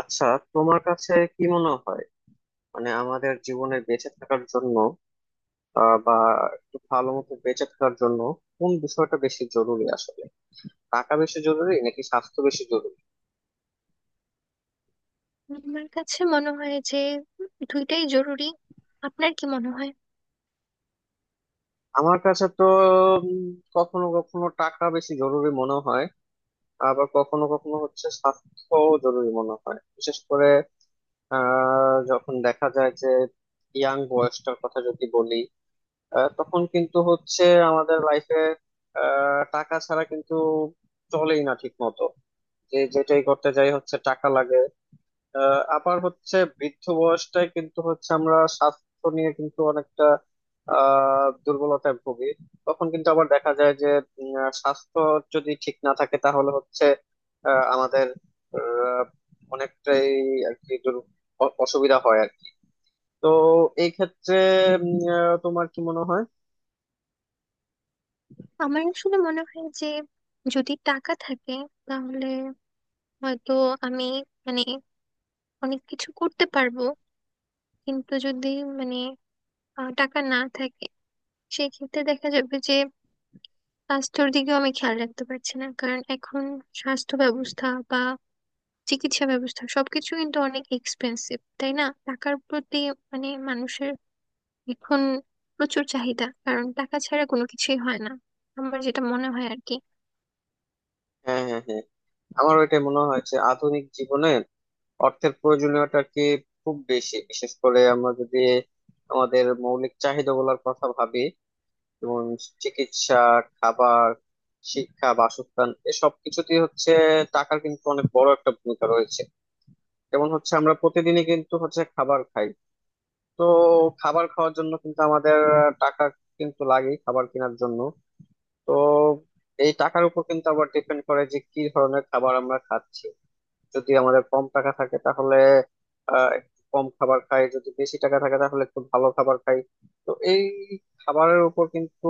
আচ্ছা, তোমার কাছে কি মনে হয়? মানে আমাদের জীবনে বেঁচে থাকার জন্য, বা একটু ভালো মতো বেঁচে থাকার জন্য কোন বিষয়টা বেশি জরুরি আসলে? টাকা বেশি জরুরি নাকি স্বাস্থ্য বেশি জরুরি? আমার কাছে মনে হয় যে দুইটাই জরুরি। আপনার কি মনে হয়? আমার কাছে তো উম, কখনো কখনো টাকা বেশি জরুরি মনে হয়, আবার কখনো কখনো হচ্ছে স্বাস্থ্য জরুরি মনে হয়। বিশেষ করে যখন দেখা যায় যে ইয়াং বয়সটার কথা যদি বলি, তখন কিন্তু হচ্ছে আমাদের লাইফে টাকা ছাড়া কিন্তু চলেই না ঠিক মতো। যে যেটাই করতে যাই হচ্ছে টাকা লাগে। আবার হচ্ছে বৃদ্ধ বয়সটায় কিন্তু হচ্ছে আমরা স্বাস্থ্য নিয়ে কিন্তু অনেকটা দুর্বলতায় ভুগি। তখন কিন্তু আবার দেখা যায় যে স্বাস্থ্য যদি ঠিক না থাকে তাহলে হচ্ছে আমাদের আহ, অনেকটাই আর কি অসুবিধা হয় আর কি। তো এই ক্ষেত্রে তোমার কি মনে হয়? আমার আসলে মনে হয় যে যদি টাকা থাকে তাহলে হয়তো আমি মানে অনেক কিছু করতে পারবো। কিন্তু যদি মানে টাকা না থাকে, সেক্ষেত্রে দেখা যাবে যে স্বাস্থ্যের দিকেও আমি খেয়াল রাখতে পারছি না, কারণ এখন স্বাস্থ্য ব্যবস্থা বা চিকিৎসা ব্যবস্থা সবকিছু কিন্তু অনেক এক্সপেন্সিভ, তাই না? টাকার প্রতি মানুষের এখন প্রচুর চাহিদা, কারণ টাকা ছাড়া কোনো কিছুই হয় না। আমার যেটা মনে হয় আর কি। হ্যাঁ, হ্যাঁ, হ্যাঁ। আমার ওইটাই মনে হয় যে আধুনিক জীবনে অর্থের প্রয়োজনীয়তা কি খুব বেশি। বিশেষ করে আমরা যদি আমাদের মৌলিক চাহিদা গুলার কথা ভাবি, যেমন চিকিৎসা, খাবার, শিক্ষা, বাসস্থান, এসব কিছুতেই হচ্ছে টাকার কিন্তু অনেক বড় একটা ভূমিকা রয়েছে। যেমন হচ্ছে আমরা প্রতিদিনই কিন্তু হচ্ছে খাবার খাই। তো খাবার খাওয়ার জন্য কিন্তু আমাদের টাকা কিন্তু লাগে খাবার কেনার জন্য। তো এই টাকার উপর কিন্তু আবার ডিপেন্ড করে যে কি ধরনের খাবার আমরা খাচ্ছি। যদি আমাদের কম টাকা থাকে তাহলে একটু কম খাবার খাই, যদি বেশি টাকা থাকে তাহলে একটু ভালো খাবার খাই। তো এই খাবারের উপর কিন্তু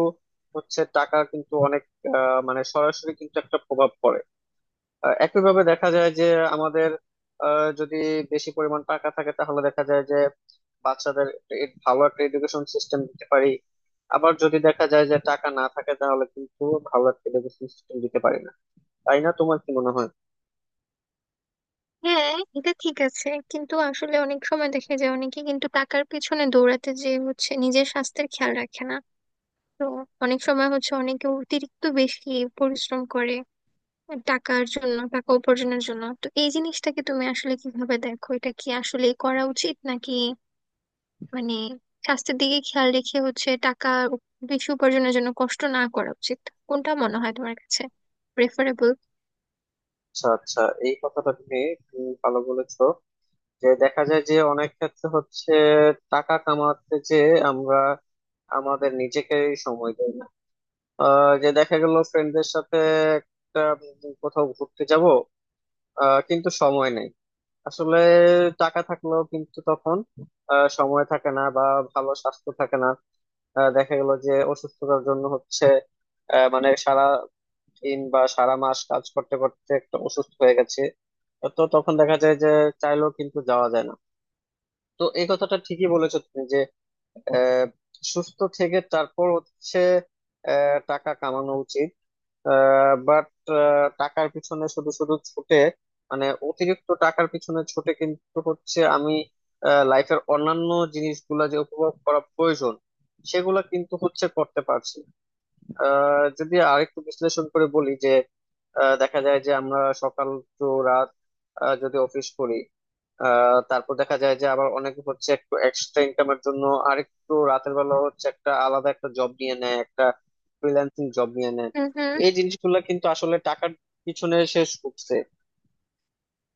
হচ্ছে টাকা কিন্তু অনেক মানে সরাসরি কিন্তু একটা প্রভাব পড়ে। একইভাবে দেখা যায় যে আমাদের যদি বেশি পরিমাণ টাকা থাকে তাহলে দেখা যায় যে বাচ্চাদের একটা ভালো একটা এডুকেশন সিস্টেম দিতে পারি। আবার যদি দেখা যায় যে টাকা না থাকে তাহলে কিন্তু ভালো একটা এডুকেশন সিস্টেম দিতে পারি না। তাই না? তোমার কি মনে হয়? হ্যাঁ, এটা ঠিক আছে, কিন্তু আসলে অনেক সময় দেখা যায় অনেকে কিন্তু টাকার পেছনে দৌড়াতে যে হচ্ছে নিজের স্বাস্থ্যের খেয়াল রাখে না। তো অনেক সময় হচ্ছে অনেকে অতিরিক্ত বেশি পরিশ্রম করে টাকার জন্য, টাকা উপার্জনের জন্য। তো এই জিনিসটাকে তুমি আসলে কিভাবে দেখো? এটা কি আসলে করা উচিত, নাকি মানে স্বাস্থ্যের দিকে খেয়াল রেখে হচ্ছে টাকা বেশি উপার্জনের জন্য কষ্ট না করা উচিত? কোনটা মনে হয় তোমার কাছে প্রেফারেবল? আচ্ছা, আচ্ছা। এই কথাটা তুমি তুমি ভালো বলেছো। যে দেখা যায় যে অনেক ক্ষেত্রে হচ্ছে টাকা কামাতে যে আমরা আমাদের নিজেকে সময় দেই না। যে দেখা গেল ফ্রেন্ডদের সাথে একটা কোথাও ঘুরতে যাব, কিন্তু সময় নেই আসলে। টাকা থাকলেও কিন্তু তখন সময় থাকে না বা ভালো স্বাস্থ্য থাকে না। দেখা গেল যে অসুস্থতার জন্য হচ্ছে মানে সারা দিন বা সারা মাস কাজ করতে করতে একটা অসুস্থ হয়ে গেছে। তো তখন দেখা যায় যে চাইলেও কিন্তু যাওয়া যায় না। তো এই কথাটা ঠিকই বলেছো তুমি যে আহ, সুস্থ থেকে তারপর হচ্ছে টাকা কামানো উচিত। বাট টাকার পিছনে শুধু শুধু ছুটে, মানে অতিরিক্ত টাকার পিছনে ছুটে কিন্তু হচ্ছে আমি লাইফের অন্যান্য জিনিসগুলা যে উপভোগ করা প্রয়োজন সেগুলা কিন্তু হচ্ছে করতে পারছি না। যদি আরেকটু বিশ্লেষণ করে বলি যে দেখা যায় যে আমরা সকাল টু রাত যদি অফিস করি, তারপর দেখা যায় যে আবার অনেকে হচ্ছে একটু এক্সট্রা ইনকামের জন্য আরেকটু রাতের বেলা হচ্ছে একটা আলাদা একটা জব নিয়ে নেয়, একটা ফ্রিল্যান্সিং জব নিয়ে নেয়। হুম, হুম, এই জিনিসগুলো কিন্তু আসলে টাকার পিছনে শেষ করছে।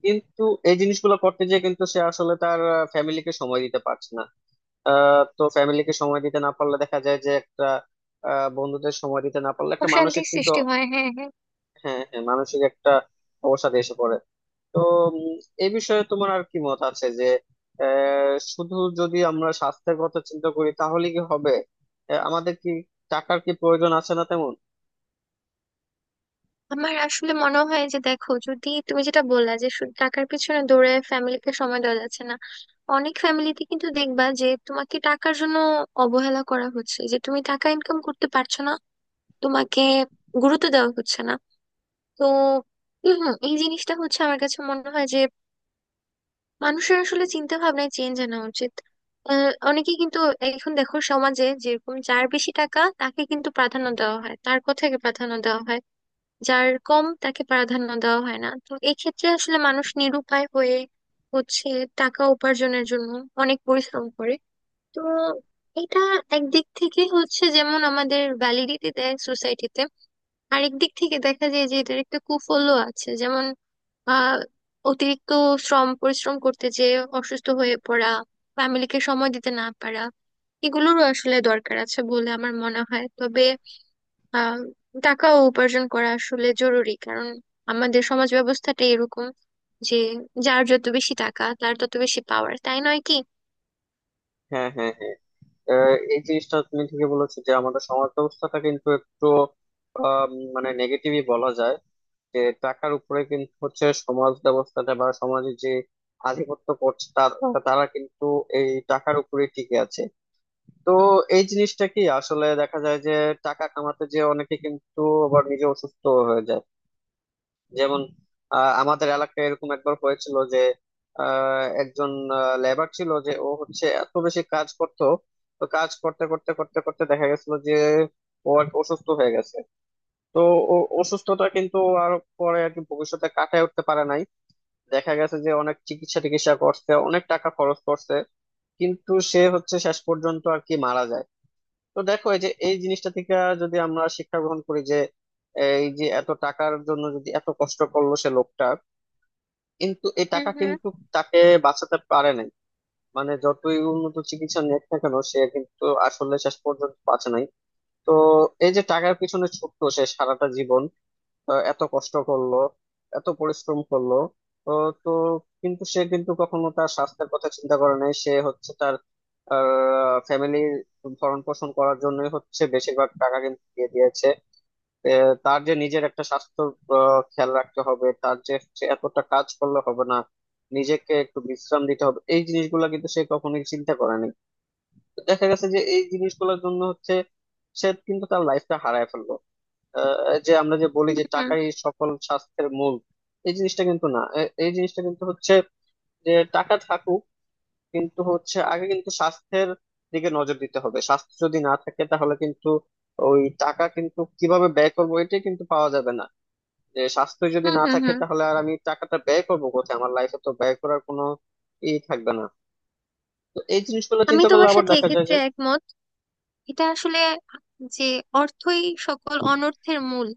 কিন্তু এই জিনিসগুলো করতে গিয়ে কিন্তু সে আসলে তার ফ্যামিলিকে সময় দিতে পারছে না। তো ফ্যামিলিকে সময় দিতে না পারলে দেখা যায় যে একটা বন্ধুদের সময় দিতে না পারলে একটা মানসিক। অশান্তির সৃষ্টি হয়, হ্যাঁ হ্যাঁ। হ্যাঁ, হ্যাঁ, মানসিক একটা অবসাদ এসে পড়ে। তো উম, এই বিষয়ে তোমার আর কি মত আছে যে শুধু যদি আমরা স্বাস্থ্যের কথা চিন্তা করি তাহলে কি হবে? আমাদের কি টাকার কি প্রয়োজন আছে না তেমন? আমার আসলে মনে হয় যে দেখো, যদি তুমি যেটা বললা যে শুধু টাকার পিছনে দৌড়ে ফ্যামিলিকে সময় দেওয়া যাচ্ছে না, অনেক ফ্যামিলিতে কিন্তু দেখবা যে তোমাকে টাকার জন্য অবহেলা করা হচ্ছে, যে তুমি টাকা ইনকাম করতে পারছো না, তোমাকে গুরুত্ব দেওয়া হচ্ছে না। তো হুম, এই জিনিসটা হচ্ছে আমার কাছে মনে হয় যে মানুষের আসলে চিন্তা ভাবনায় চেঞ্জ আনা উচিত। অনেকে কিন্তু এখন দেখো সমাজে যেরকম, যার বেশি টাকা তাকে কিন্তু প্রাধান্য দেওয়া হয়, তার কথাকে প্রাধান্য দেওয়া হয়। যার কম তাকে প্রাধান্য দেওয়া হয় না। তো এক্ষেত্রে আসলে মানুষ নিরুপায় হয়ে হচ্ছে টাকা উপার্জনের জন্য অনেক পরিশ্রম করে। তো এটা একদিক থেকে হচ্ছে যেমন আমাদের ভ্যালিডিটি দেয় সোসাইটিতে, আরেক দিক থেকে দেখা যায় যে এটার একটা কুফলও আছে। যেমন আহ অতিরিক্ত শ্রম পরিশ্রম করতে যে অসুস্থ হয়ে পড়া, ফ্যামিলিকে সময় দিতে না পারা, এগুলোরও আসলে দরকার আছে বলে আমার মনে হয়। তবে আহ টাকা উপার্জন করা আসলে জরুরি, কারণ আমাদের সমাজ ব্যবস্থাটা এরকম যে যার যত বেশি টাকা, তার তত বেশি পাওয়ার, তাই নয় কি? হ্যাঁ, হ্যাঁ, হ্যাঁ। এই জিনিসটা তুমি ঠিকই বলেছো যে আমাদের সমাজ ব্যবস্থাটা কিন্তু একটু মানে নেগেটিভই বলা যায়। যে টাকার উপরে কিন্তু হচ্ছে সমাজ ব্যবস্থাটা, বা সমাজের যে আধিপত্য করছে তারা তারা কিন্তু এই টাকার উপরে টিকে আছে। তো এই জিনিসটা কি আসলে দেখা যায় যে টাকা কামাতে যে অনেকে কিন্তু আবার নিজে অসুস্থ হয়ে যায়। যেমন আমাদের এলাকায় এরকম একবার হয়েছিল যে একজন লেবার ছিল যে ও হচ্ছে এত বেশি কাজ করতো। তো কাজ করতে করতে করতে করতে দেখা গেছিল যে ও আর কি অসুস্থ হয়ে গেছে। তো ও অসুস্থতা কিন্তু আর পরে আর কি ভবিষ্যতে কাটায় উঠতে পারে নাই। দেখা গেছে যে অনেক চিকিৎসা টিকিৎসা করছে, অনেক টাকা খরচ করছে, কিন্তু সে হচ্ছে শেষ পর্যন্ত আর কি মারা যায়। তো দেখো এই যে এই জিনিসটা থেকে যদি আমরা শিক্ষা গ্রহণ করি যে এই যে এত টাকার জন্য যদি এত কষ্ট করলো সে লোকটা, কিন্তু এই হুম, টাকা হুম, কিন্তু তাকে বাঁচাতে পারে নাই। মানে যতই উন্নত চিকিৎসা নিক না কেন সে কিন্তু আসলে শেষ পর্যন্ত বাঁচে নাই। তো এই যে টাকার পিছনে ছুটলো সে সারাটা জীবন, এত কষ্ট করলো, এত পরিশ্রম করলো। তো তো কিন্তু সে কিন্তু কখনো তার স্বাস্থ্যের কথা চিন্তা করে নাই। সে হচ্ছে তার ফ্যামিলি ভরণ পোষণ করার জন্যই হচ্ছে বেশিরভাগ টাকা কিন্তু দিয়ে দিয়েছে। এ, তার যে নিজের একটা স্বাস্থ্য খেয়াল রাখতে হবে, তার যে সে এতটা কাজ করলে হবে না, নিজেকে একটু বিশ্রাম দিতে হবে, এই জিনিসগুলো কিন্তু সে কখনোই চিন্তা করেনি। তো দেখা গেছে যে এই জিনিসগুলোর জন্য হচ্ছে সে কিন্তু তার লাইফটা হারায় ফেললো। যে আমরা যে বলি যে হুম, টাকাই সকল স্বাস্থ্যের মূল, এই জিনিসটা কিন্তু না। এই জিনিসটা কিন্তু হচ্ছে যে টাকা থাকুক, কিন্তু হচ্ছে আগে কিন্তু স্বাস্থ্যের দিকে নজর দিতে হবে। স্বাস্থ্য যদি না থাকে তাহলে কিন্তু ওই টাকা কিন্তু কিভাবে ব্যয় করবো এটাই কিন্তু পাওয়া যাবে না। যে স্বাস্থ্য যদি হুম, না হুম, থাকে হুম। তাহলে আর আমি টাকাটা ব্যয় করবো কোথায়? আমার লাইফে তো ব্যয় করার কোনো ই থাকবে না। তো এই জিনিসগুলো আমি চিন্তা করলে তোমার আবার সাথে দেখা যায় এক্ষেত্রে যে। একমত। এটা আসলে যে অর্থই সকল অনর্থের মূল,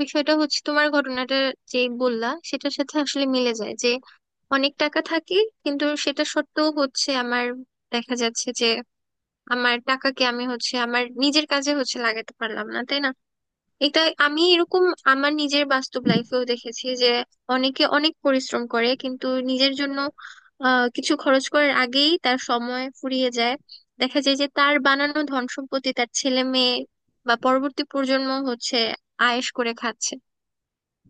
বিষয়টা হচ্ছে তোমার ঘটনাটা যে বললা সেটার সাথে আসলে মিলে যায়, যে অনেক টাকা থাকে কিন্তু সেটা সত্ত্বেও হচ্ছে আমার দেখা যাচ্ছে যে আমার টাকাকে আমি হচ্ছে আমার নিজের কাজে হচ্ছে লাগাতে পারলাম না, তাই না? এটা আমি এরকম আমার নিজের বাস্তব লাইফেও দেখেছি যে অনেকে অনেক পরিশ্রম করে কিন্তু নিজের জন্য কিছু খরচ করার আগেই তার সময় ফুরিয়ে যায়। দেখা যায় যে তার বানানো ধন সম্পত্তি তার ছেলে মেয়ে বা পরবর্তী প্রজন্ম হচ্ছে আয়েশ করে খাচ্ছে।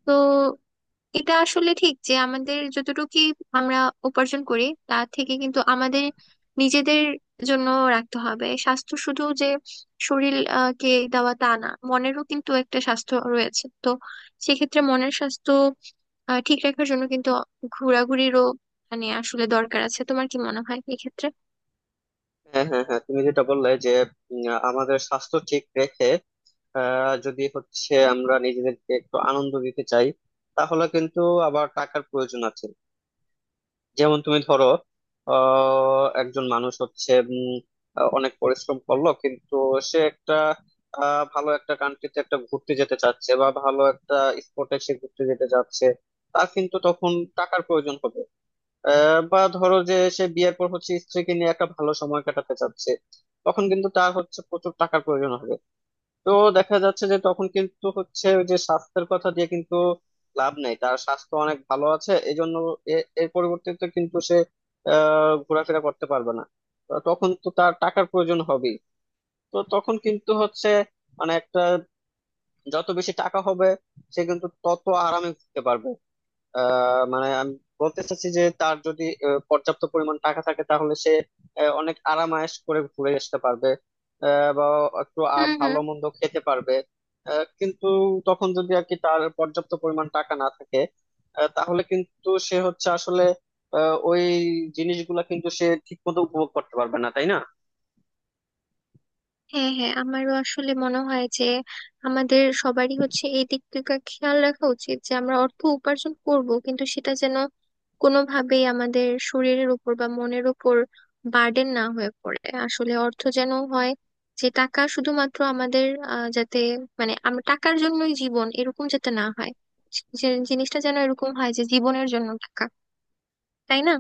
তো এটা আসলে ঠিক যে আমাদের যতটুকু আমরা উপার্জন করি, তা থেকে কিন্তু আমাদের নিজেদের জন্য রাখতে হবে। স্বাস্থ্য শুধু যে শরীর কে দেওয়া তা না, মনেরও কিন্তু একটা স্বাস্থ্য রয়েছে। তো সেক্ষেত্রে মনের স্বাস্থ্য ঠিক রাখার জন্য কিন্তু ঘোরাঘুরিরও আসলে দরকার আছে। তোমার কি মনে হয় এক্ষেত্রে? হ্যাঁ, হ্যাঁ, হ্যাঁ। তুমি যেটা বললে যে উম, আমাদের স্বাস্থ্য ঠিক রেখে যদি হচ্ছে আমরা নিজেদেরকে একটু আনন্দ দিতে চাই তাহলে কিন্তু আবার টাকার প্রয়োজন আছে। যেমন তুমি ধরো একজন মানুষ হচ্ছে অনেক পরিশ্রম করলো, কিন্তু সে একটা ভালো একটা কান্ট্রিতে একটা ঘুরতে যেতে চাচ্ছে বা ভালো একটা স্পটে সে ঘুরতে যেতে চাচ্ছে। তার কিন্তু তখন টাকার প্রয়োজন হবে। বা ধরো যে সে বিয়ের পর হচ্ছে স্ত্রীকে নিয়ে একটা ভালো সময় কাটাতে চাচ্ছে, তখন কিন্তু তার হচ্ছে প্রচুর টাকার প্রয়োজন হবে। তো দেখা যাচ্ছে যে তখন কিন্তু হচ্ছে ওই যে স্বাস্থ্যের কথা দিয়ে কিন্তু লাভ নেই, তার স্বাস্থ্য অনেক ভালো আছে এই জন্য এর পরিবর্তে কিন্তু সে ঘোরাফেরা করতে পারবে না। তো তখন তো তার টাকার প্রয়োজন হবেই। তো তখন কিন্তু হচ্ছে মানে একটা, যত বেশি টাকা হবে সে কিন্তু তত আরামে ঘুরতে পারবে। মানে আমি বলতে চাচ্ছি যে তার যদি পর্যাপ্ত পরিমাণ টাকা থাকে তাহলে সে অনেক আরামায়েশ করে ঘুরে আসতে পারবে। বা একটু হুম, হুম, ভালো মন্দ খেতে পারবে। কিন্তু তখন যদি আর কি তার পর্যাপ্ত পরিমাণ টাকা না থাকে, তাহলে কিন্তু সে হচ্ছে আসলে ওই জিনিসগুলা কিন্তু সে ঠিক মতো উপভোগ করতে পারবে না, তাই না? হ্যাঁ হ্যাঁ। আমারও আসলে মনে হয় যে আমাদের সবারই হচ্ছে এই দিক দিকটা খেয়াল রাখা উচিত যে আমরা অর্থ উপার্জন করব, কিন্তু সেটা যেন কোনোভাবেই আমাদের শরীরের উপর বা মনের উপর বার্ডেন না হয়ে পড়ে। আসলে অর্থ যেন হয় যে টাকা শুধুমাত্র আমাদের যাতে, আমরা টাকার জন্যই জীবন এরকম যাতে না হয়, যে জিনিসটা যেন এরকম হয় যে জীবনের জন্য টাকা, তাই না?